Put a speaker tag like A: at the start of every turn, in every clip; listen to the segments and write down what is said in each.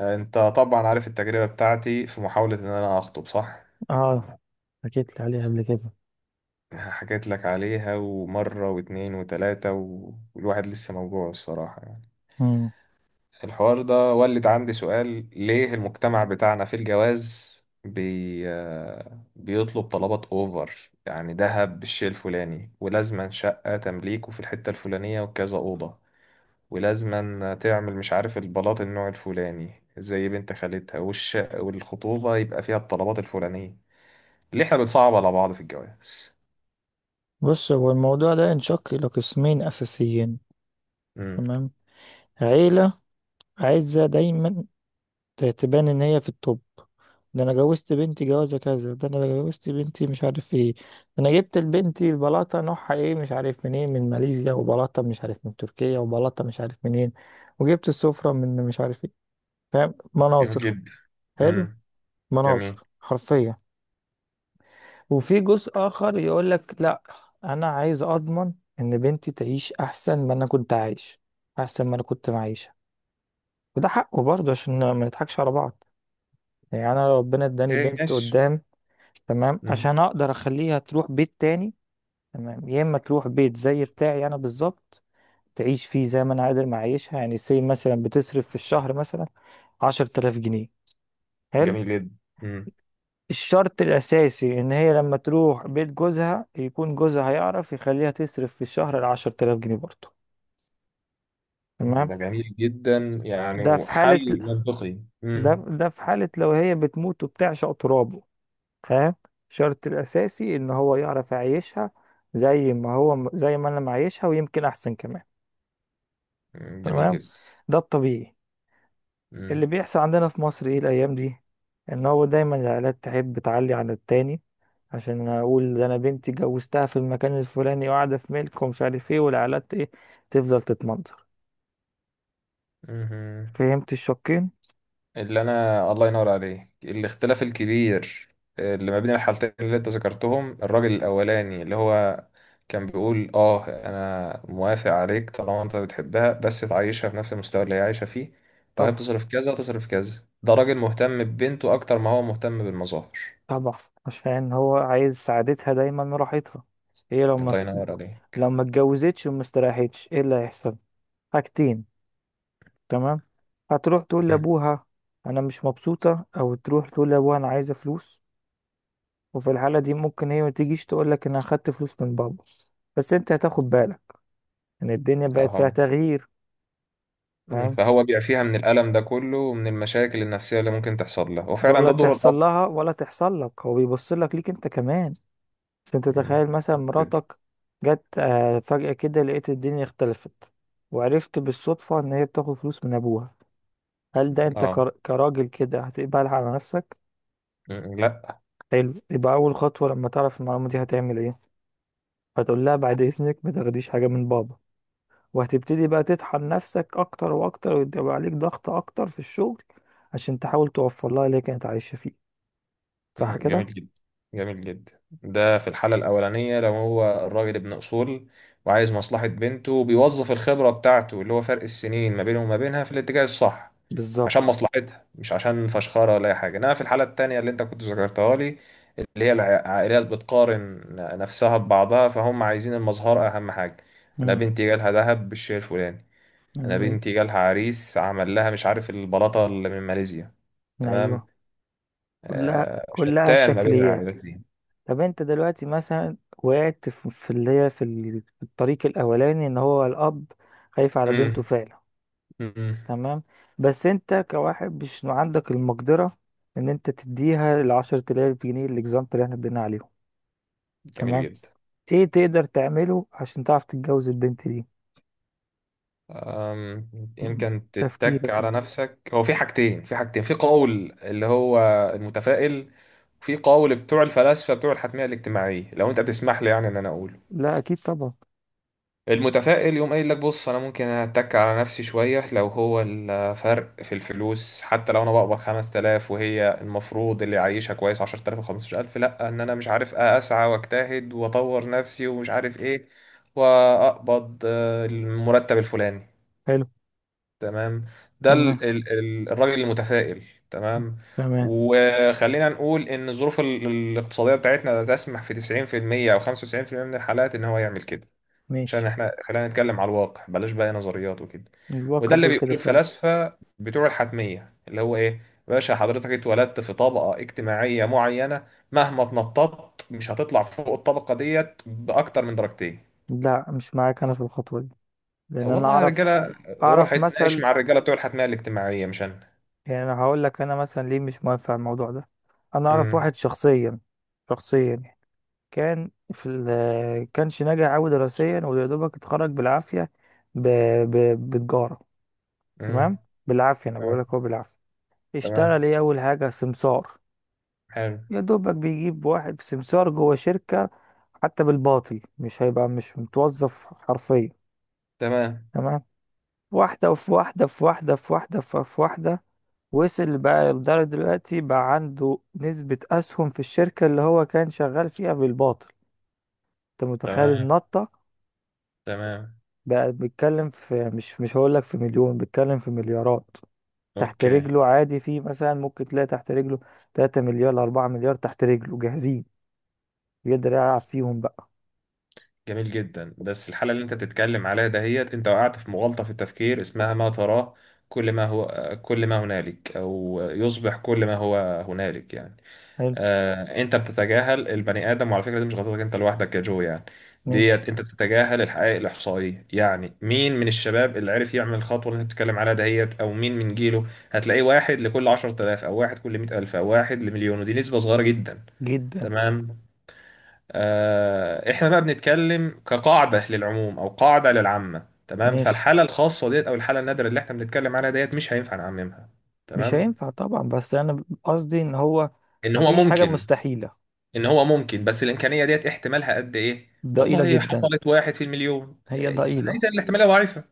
A: انت طبعا عارف التجربة بتاعتي في محاولة ان انا اخطب، صح؟
B: اه. حكيت لي عليها قبل كده.
A: حكيت لك عليها ومرة واتنين وتلاتة والواحد لسه موجوع الصراحة، يعني
B: مم.
A: الحوار ده ولد عندي سؤال: ليه المجتمع بتاعنا في الجواز بي... آه، بيطلب طلبات اوفر، يعني دهب بالشيء الفلاني، ولازما شقة تمليكه في الحتة الفلانية وكذا أوضة، ولازما تعمل مش عارف البلاط النوع الفلاني زي بنت خالتها، والخطوبة يبقى فيها الطلبات الفلانية. ليه احنا بنصعب على بعض في الجواز؟
B: بص، هو الموضوع ده ينشق إلى قسمين أساسيين.
A: امم.
B: تمام. عيلة عايزة دايما تبان إن هي في التوب. ده أنا جوزت بنتي جوازة كذا، ده أنا جوزت بنتي مش عارف إيه، ده أنا جبت لبنتي بلاطة نوعها إيه مش عارف منين، من ماليزيا، وبلاطة مش عارف من تركيا، وبلاطة مش عارف منين، وجبت السفرة من مش عارف إيه. فاهم؟
A: جميل
B: مناظر.
A: جدا.
B: حلو.
A: امم. جميل.
B: مناظر حرفيا. وفي جزء آخر يقول لك لا، أنا عايز أضمن إن بنتي تعيش أحسن ما أنا كنت عايش، أحسن ما أنا كنت معيشة. وده حقه برضه، عشان ما نضحكش على بعض. يعني أنا لو ربنا إداني
A: اوكي،
B: بنت
A: ماشي.
B: قدام، تمام،
A: امم.
B: عشان أقدر أخليها تروح بيت تاني، تمام، يا إما تروح بيت زي بتاعي أنا بالظبط، تعيش فيه زي ما أنا قادر معيشها. يعني سي مثلا بتصرف في الشهر مثلا 10 آلاف جنيه. حلو.
A: جميل جدا. امم.
B: الشرط الأساسي إن هي لما تروح بيت جوزها يكون جوزها هيعرف يخليها تصرف في الشهر 10 تلاف جنيه برضه. تمام.
A: ده جميل جدا، يعني
B: ده في حالة،
A: وحل منطقي.
B: ده
A: امم.
B: ده في حالة لو هي بتموت وبتعشق ترابه. فاهم؟ الشرط الأساسي إن هو يعرف يعيشها زي ما هو، زي ما أنا معيشها، ويمكن أحسن كمان.
A: أمم، جميل
B: تمام.
A: جدا.
B: ده الطبيعي. اللي
A: امم.
B: بيحصل عندنا في مصر ايه الايام دي، ان هو دايما العائلات تحب تعلي على التاني، عشان اقول ده انا بنتي جوزتها في المكان الفلاني وقاعده في ملك ومش عارف ايه، والعائلات ايه، تفضل تتمنظر.
A: أمم.
B: فهمت الشقين؟
A: اللي انا الله ينور عليك الاختلاف الكبير اللي ما بين الحالتين اللي انت ذكرتهم، الراجل الاولاني اللي هو كان بيقول انا موافق عليك طالما انت بتحبها، بس تعيشها في نفس المستوى اللي هي عايشه فيه. لو هي
B: طبعا.
A: بتصرف كذا تصرف كذا، ده راجل مهتم ببنته اكتر ما هو مهتم بالمظاهر.
B: طبعا عشان هو عايز سعادتها دايما وراحتها. هي
A: الله ينور
B: لو
A: عليك.
B: ما اتجوزتش وما استريحتش ايه اللي هيحصل؟ حاجتين. تمام. هتروح تقول
A: مم.
B: لابوها انا مش مبسوطه، او تروح تقول لابوها انا عايزه فلوس. وفي الحالة دي ممكن هي ما تجيش تقول لك انا اخدت فلوس من بابا، بس انت هتاخد بالك ان الدنيا بقت فيها
A: اها.
B: تغيير.
A: مم.
B: فاهم؟
A: فهو بيع فيها من الالم ده كله ومن المشاكل النفسيه اللي ممكن تحصل له، وفعلا
B: ولا
A: ده دور
B: تحصل
A: الاب.
B: لها ولا تحصل لك، هو بيبص لك، ليك انت كمان. بس انت
A: مم.
B: تخيل مثلا
A: جدا.
B: مراتك جت فجأة كده، لقيت الدنيا اختلفت، وعرفت بالصدفة ان هي بتاخد فلوس من ابوها. هل ده انت
A: اه.
B: كراجل كده هتقبلها على نفسك؟
A: مم. لا.
B: حلو. يبقى اول خطوة لما تعرف المعلومة دي هتعمل ايه؟ هتقول لها بعد اذنك ما تاخديش حاجة من بابا، وهتبتدي بقى تطحن نفسك اكتر واكتر، ويبقى عليك ضغط اكتر في الشغل عشان تحاول توفر لها اللي هي كانت عايشة فيه. صح
A: مم،
B: كده؟
A: جميل جدا. جميل جدا ده في الحالة الأولانية، لو هو الراجل ابن أصول وعايز مصلحة بنته وبيوظف الخبرة بتاعته اللي هو فرق السنين ما بينه وما بينها في الاتجاه الصح، عشان
B: بالظبط.
A: مصلحتها، مش عشان فشخرة ولا أي حاجة. إنما في الحالة التانية اللي أنت كنت ذكرتها لي، اللي هي العائلات بتقارن نفسها ببعضها، فهم عايزين المظهر أهم حاجة. أنا
B: امم.
A: بنتي جالها دهب بالشيء الفلاني، أنا بنتي جالها عريس عمل لها مش عارف البلاطة اللي من ماليزيا.
B: ايوه.
A: تمام.
B: كلها كلها
A: شتان ما بين
B: شكليات.
A: العائلتين.
B: طب انت دلوقتي مثلا وقعت في اللي هي في الطريق الاولاني ان هو الاب خايف على بنته
A: امم.
B: فعلا.
A: امم.
B: تمام. بس انت كواحد مش عندك المقدره ان انت تديها 10 آلاف جنيه الاكزامبل اللي احنا ادينا عليهم.
A: جميل
B: تمام.
A: جدا.
B: ايه تقدر تعمله عشان تعرف تتجوز البنت دي؟
A: أم، يمكن تتك
B: تفكيرك.
A: على نفسك، هو في حاجتين، في قول اللي هو المتفائل، وفي قول بتوع الفلاسفة بتوع الحتمية الاجتماعية. لو انت تسمح لي، يعني ان انا اقول
B: لا اكيد طبعا.
A: المتفائل يقوم قايل لك بص انا ممكن اتك على نفسي شويه لو هو الفرق في الفلوس حتى، لو انا بقبض 5000 وهي المفروض اللي عايشها كويس 10000 و15000، لا ان انا مش عارف اسعى واجتهد واطور نفسي ومش عارف ايه واقبض المرتب الفلاني.
B: حلو.
A: تمام. ده
B: تمام.
A: الراجل المتفائل. تمام.
B: تمام.
A: وخلينا نقول ان الظروف الاقتصاديه بتاعتنا لا تسمح في 90% او 95% من الحالات ان هو يعمل كده، عشان
B: ماشي.
A: احنا خلينا نتكلم على الواقع، بلاش بقى نظريات وكده. وده
B: الواقع
A: اللي
B: بيقول كده
A: بيقوله
B: فعلا.
A: الفلاسفة بتوع الحتمية اللي هو ايه، باشا حضرتك اتولدت في طبقة اجتماعية معينة، مهما اتنططت مش هتطلع فوق الطبقة ديت بأكتر من درجتين.
B: لا مش معاك انا في الخطوة دي،
A: طب
B: لان انا
A: والله يا
B: اعرف.
A: رجالة روح
B: اعرف
A: اتناقش
B: مثل.
A: مع الرجالة بتوع الحتمية الاجتماعية، مش انا.
B: يعني انا هقول لك انا مثلا ليه مش موافق على الموضوع ده. انا اعرف
A: امم.
B: واحد شخصيا، شخصيا يعني، كان في ال كانش ناجح قوي دراسيا، ويا دوبك اتخرج بالعافية ب... ب... بتجارة. تمام.
A: امم.
B: بالعافية انا بقول
A: تمام.
B: لك هو، بالعافية.
A: تمام.
B: بيشتغل ايه اول حاجة؟ سمسار.
A: حلو.
B: يا دوبك بيجيب واحد سمسار جوه شركة، حتى بالباطل، مش هيبقى مش متوظف حرفيا.
A: تمام.
B: تمام. واحدة في واحدة في واحدة في واحدة في واحدة، وصل بقى لدرجة دلوقتي بقى عنده نسبة أسهم في الشركة اللي هو كان شغال فيها بالباطل. أنت متخيل
A: تمام.
B: النطة؟
A: تمام.
B: بقى بيتكلم في، مش هقولك في مليون، بيتكلم في مليارات تحت
A: اوكي.
B: رجله عادي. في مثلا ممكن تلاقي تحت رجله 3 مليار 4 مليار تحت رجله جاهزين، يقدر يلعب فيهم بقى.
A: جميل جدا، بس الحالة اللي انت بتتكلم عليها دهيت انت وقعت في مغالطة في التفكير اسمها ما تراه كل ما هو، كل ما هنالك، او يصبح كل ما هو هنالك، يعني
B: حلو.
A: انت بتتجاهل البني ادم. وعلى فكرة دي مش غلطتك انت لوحدك يا جو، يعني
B: ماشي.
A: ديت انت بتتجاهل الحقائق الاحصائية. يعني مين من الشباب اللي عرف يعمل الخطوة اللي انت بتتكلم عليها دهيت؟ او مين من جيله؟ هتلاقيه واحد لكل 10000 او واحد كل 100000 او واحد لمليون، ودي نسبة صغيرة جدا.
B: جدا.
A: تمام. احنا بقى بنتكلم كقاعدة للعموم او قاعدة للعامة، تمام.
B: ماشي.
A: فالحالة الخاصة ديت او الحالة النادرة اللي احنا بنتكلم عليها ديت مش هينفع نعممها.
B: مش
A: تمام.
B: هينفع طبعا، بس انا قصدي ان هو
A: ان هو
B: مفيش حاجة
A: ممكن.
B: مستحيلة.
A: ان هو ممكن، بس الامكانية ديت احتمالها قد ايه؟
B: ضئيلة
A: والله
B: جدا.
A: حصلت واحد في المليون،
B: هي ضئيلة،
A: عايزة الاحتمالية ضعيفة.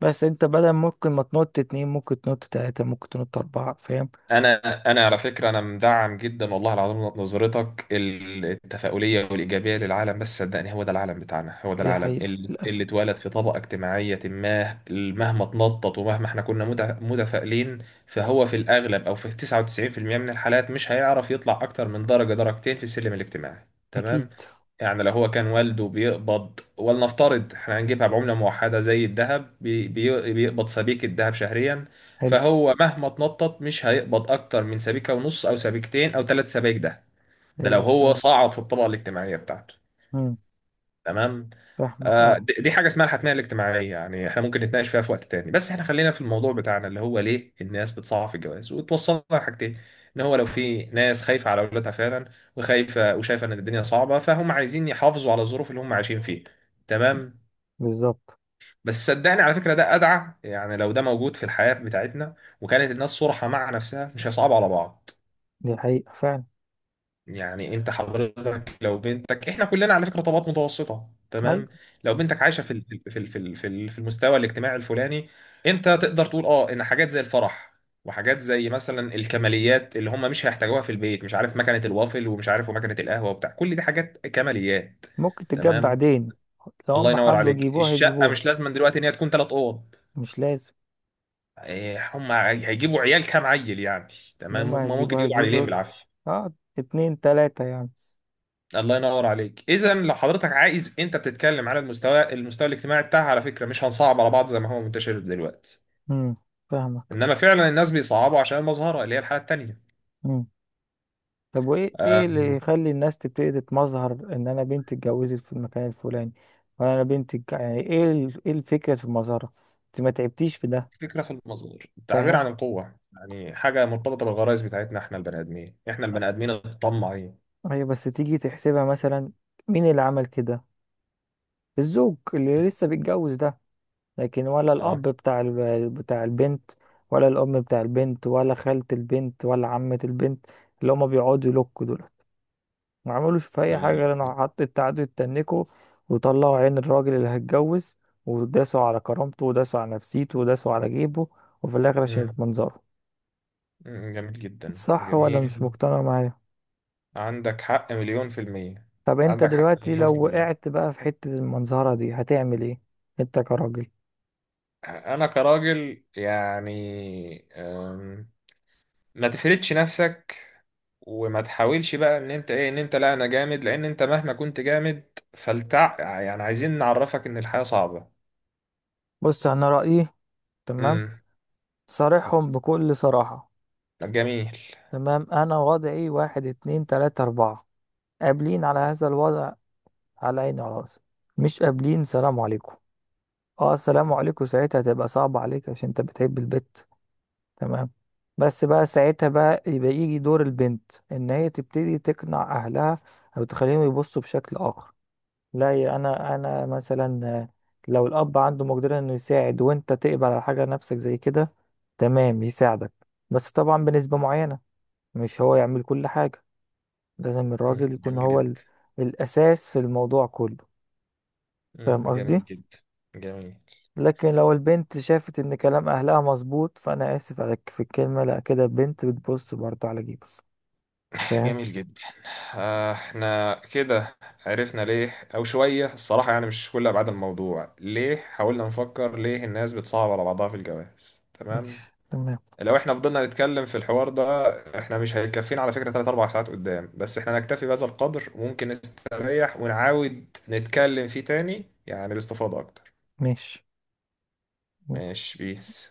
B: بس انت بدل ممكن ما تنط اتنين، ممكن تنط تلاتة، ممكن تنط اربعة. فاهم؟
A: انا انا على فكره انا مدعم جدا والله العظيم نظرتك التفاؤليه والايجابيه للعالم، بس صدقني هو ده العالم بتاعنا، هو ده
B: دي
A: العالم
B: حقيقة
A: اللي
B: للأسف.
A: اتولد في طبقه اجتماعيه ما، مهما اتنطط ومهما احنا كنا متفائلين، فهو في الاغلب او في 99% من الحالات مش هيعرف يطلع اكتر من درجه درجتين في السلم الاجتماعي.
B: اكيد.
A: تمام. يعني لو هو كان والده بيقبض، ولنفترض احنا هنجيبها بعملة موحدة زي الذهب، بيقبض سبيكة ذهب شهريا،
B: حلو.
A: فهو مهما اتنطط مش هيقبض أكتر من سبيكة ونص أو سبيكتين أو ثلاث سبايك. ده ده لو
B: حلو
A: هو
B: الكلام.
A: صعد في الطبقة الاجتماعية بتاعته.
B: امم.
A: تمام.
B: فاهمك.
A: آه،
B: اه.
A: دي دي حاجه اسمها الحتميه الاجتماعيه، يعني احنا ممكن نتناقش فيها في وقت تاني، بس احنا خلينا في الموضوع بتاعنا اللي هو ليه الناس بتصعب في الجواز، وتوصلنا لحاجتين. ان هو لو في ناس خايفه على اولادها فعلا وخايفه وشايفه ان الدنيا صعبه، فهم عايزين يحافظوا على الظروف اللي هم عايشين فيها. تمام.
B: بالظبط.
A: بس صدقني على فكره ده ادعى، يعني لو ده موجود في الحياه بتاعتنا وكانت الناس صرحه مع نفسها مش هيصعبوا على بعض.
B: دي حقيقة فعلا.
A: يعني انت حضرتك لو بنتك، احنا كلنا على فكره طبقات متوسطه،
B: ايوه.
A: تمام؟ لو بنتك عايشه في المستوى الاجتماعي الفلاني، انت تقدر تقول اه ان حاجات زي الفرح وحاجات زي مثلا الكماليات اللي هم مش هيحتاجوها في البيت، مش عارف مكنه الوافل ومش عارف ومكنه القهوه وبتاع، كل دي حاجات كماليات.
B: ممكن تتجاب
A: تمام.
B: بعدين. لو
A: الله
B: هم
A: ينور
B: حبوا
A: عليك.
B: يجيبوها
A: الشقه
B: يجيبوها.
A: مش لازم دلوقتي ان هي تكون ثلاث اوض.
B: مش لازم.
A: إيه، هم هيجيبوا عيال كام عيل يعني؟
B: يوم
A: تمام،
B: ما
A: هم ممكن
B: هيجيبوا
A: يجيبوا
B: هيجيبوا.
A: عيلين بالعافيه.
B: اه. اتنين تلاتة يعني.
A: الله ينور عليك. اذا لو حضرتك عايز، انت بتتكلم على المستوى الاجتماعي بتاعها على فكره، مش هنصعب على بعض زي ما هو منتشر دلوقتي.
B: امم. فاهمك.
A: انما فعلا الناس بيصعبوا عشان المظهره اللي هي الحاله التانيه.
B: امم. طب وايه، ايه اللي
A: أم،
B: يخلي الناس تبتدي تتمظهر ان انا بنتي اتجوزت في المكان الفلاني، وانا أنا بنتي يعني ايه ايه الفكرة في المظهرة، انت ما تعبتيش في ده.
A: فكره في المظهر التعبير
B: فاهم.
A: عن القوه، يعني حاجه مرتبطه بالغرائز بتاعتنا احنا البني ادمين الطماعين.
B: هي بس تيجي تحسبها مثلا مين اللي عمل كده؟ الزوج اللي لسه بيتجوز ده لكن، ولا الاب
A: اه.
B: بتاع بتاع البنت، ولا الام بتاع البنت، ولا خالة البنت، ولا عمة البنت، اللي هما بيقعدوا يلوكوا دول، ما عملوش في اي
A: الله
B: حاجه
A: ينور
B: غير انه
A: عليك.
B: حط التعدي يتنكوا وطلعوا عين الراجل اللي هيتجوز، وداسوا على كرامته وداسوا على نفسيته وداسوا على جيبه، وفي الاخر عشان
A: مم.
B: المنظره.
A: مم. جميل جدا،
B: صح ولا
A: جميل.
B: مش مقتنع معايا؟
A: عندك حق مليون في المية.
B: طب انت
A: عندك حق
B: دلوقتي
A: مليون في
B: لو
A: المية.
B: وقعت بقى في حته المنظره دي هتعمل ايه؟ انت كراجل.
A: أنا كراجل، يعني ما تفردش نفسك وما تحاولش بقى ان انت ايه، ان انت لا انا جامد، لان انت مهما كنت جامد فلتع، يعني عايزين نعرفك ان الحياة صعبة.
B: بص انا رايي. تمام.
A: امم.
B: صارحهم بكل صراحه.
A: جميل.
B: تمام. انا وضعي واحد اتنين تلاته اربعه، قابلين على هذا الوضع على عيني وعلى راسي. مش قابلين، سلام عليكم. اه السلام عليكم ساعتها هتبقى صعبة عليك عشان انت بتحب البت. تمام. بس بقى ساعتها بقى يبقى يجي دور البنت ان هي تبتدي تقنع اهلها او تخليهم يبصوا بشكل اخر. لا يا انا مثلا لو الاب عنده مقدرة انه يساعد وانت تقبل على حاجة نفسك زي كده، تمام، يساعدك. بس طبعا بنسبة معينة، مش هو يعمل كل حاجة. لازم
A: مم.
B: الراجل يكون
A: جميل
B: هو
A: جدا.
B: الاساس في الموضوع كله.
A: مم.
B: فاهم قصدي؟
A: جميل جدا. جميل.
B: لكن لو البنت شافت ان كلام اهلها مظبوط، فانا اسف على في الكلمه، لا كده، البنت بتبص برضه على جيبك. فاهم.
A: جميل جدا. احنا كده عرفنا ليه او شوية الصراحة، يعني مش كل ابعاد الموضوع، ليه حاولنا نفكر ليه الناس بتصعب على بعضها في الجواز.
B: ماشي.
A: تمام.
B: تمام.
A: لو احنا فضلنا نتكلم في الحوار ده، احنا مش هيكفينا على فكرة 3 4 ساعات قدام. بس احنا نكتفي بهذا القدر، وممكن نستريح ونعاود نتكلم فيه تاني، يعني باستفاضة اكتر.
B: ماشي.
A: ماشي، بيس.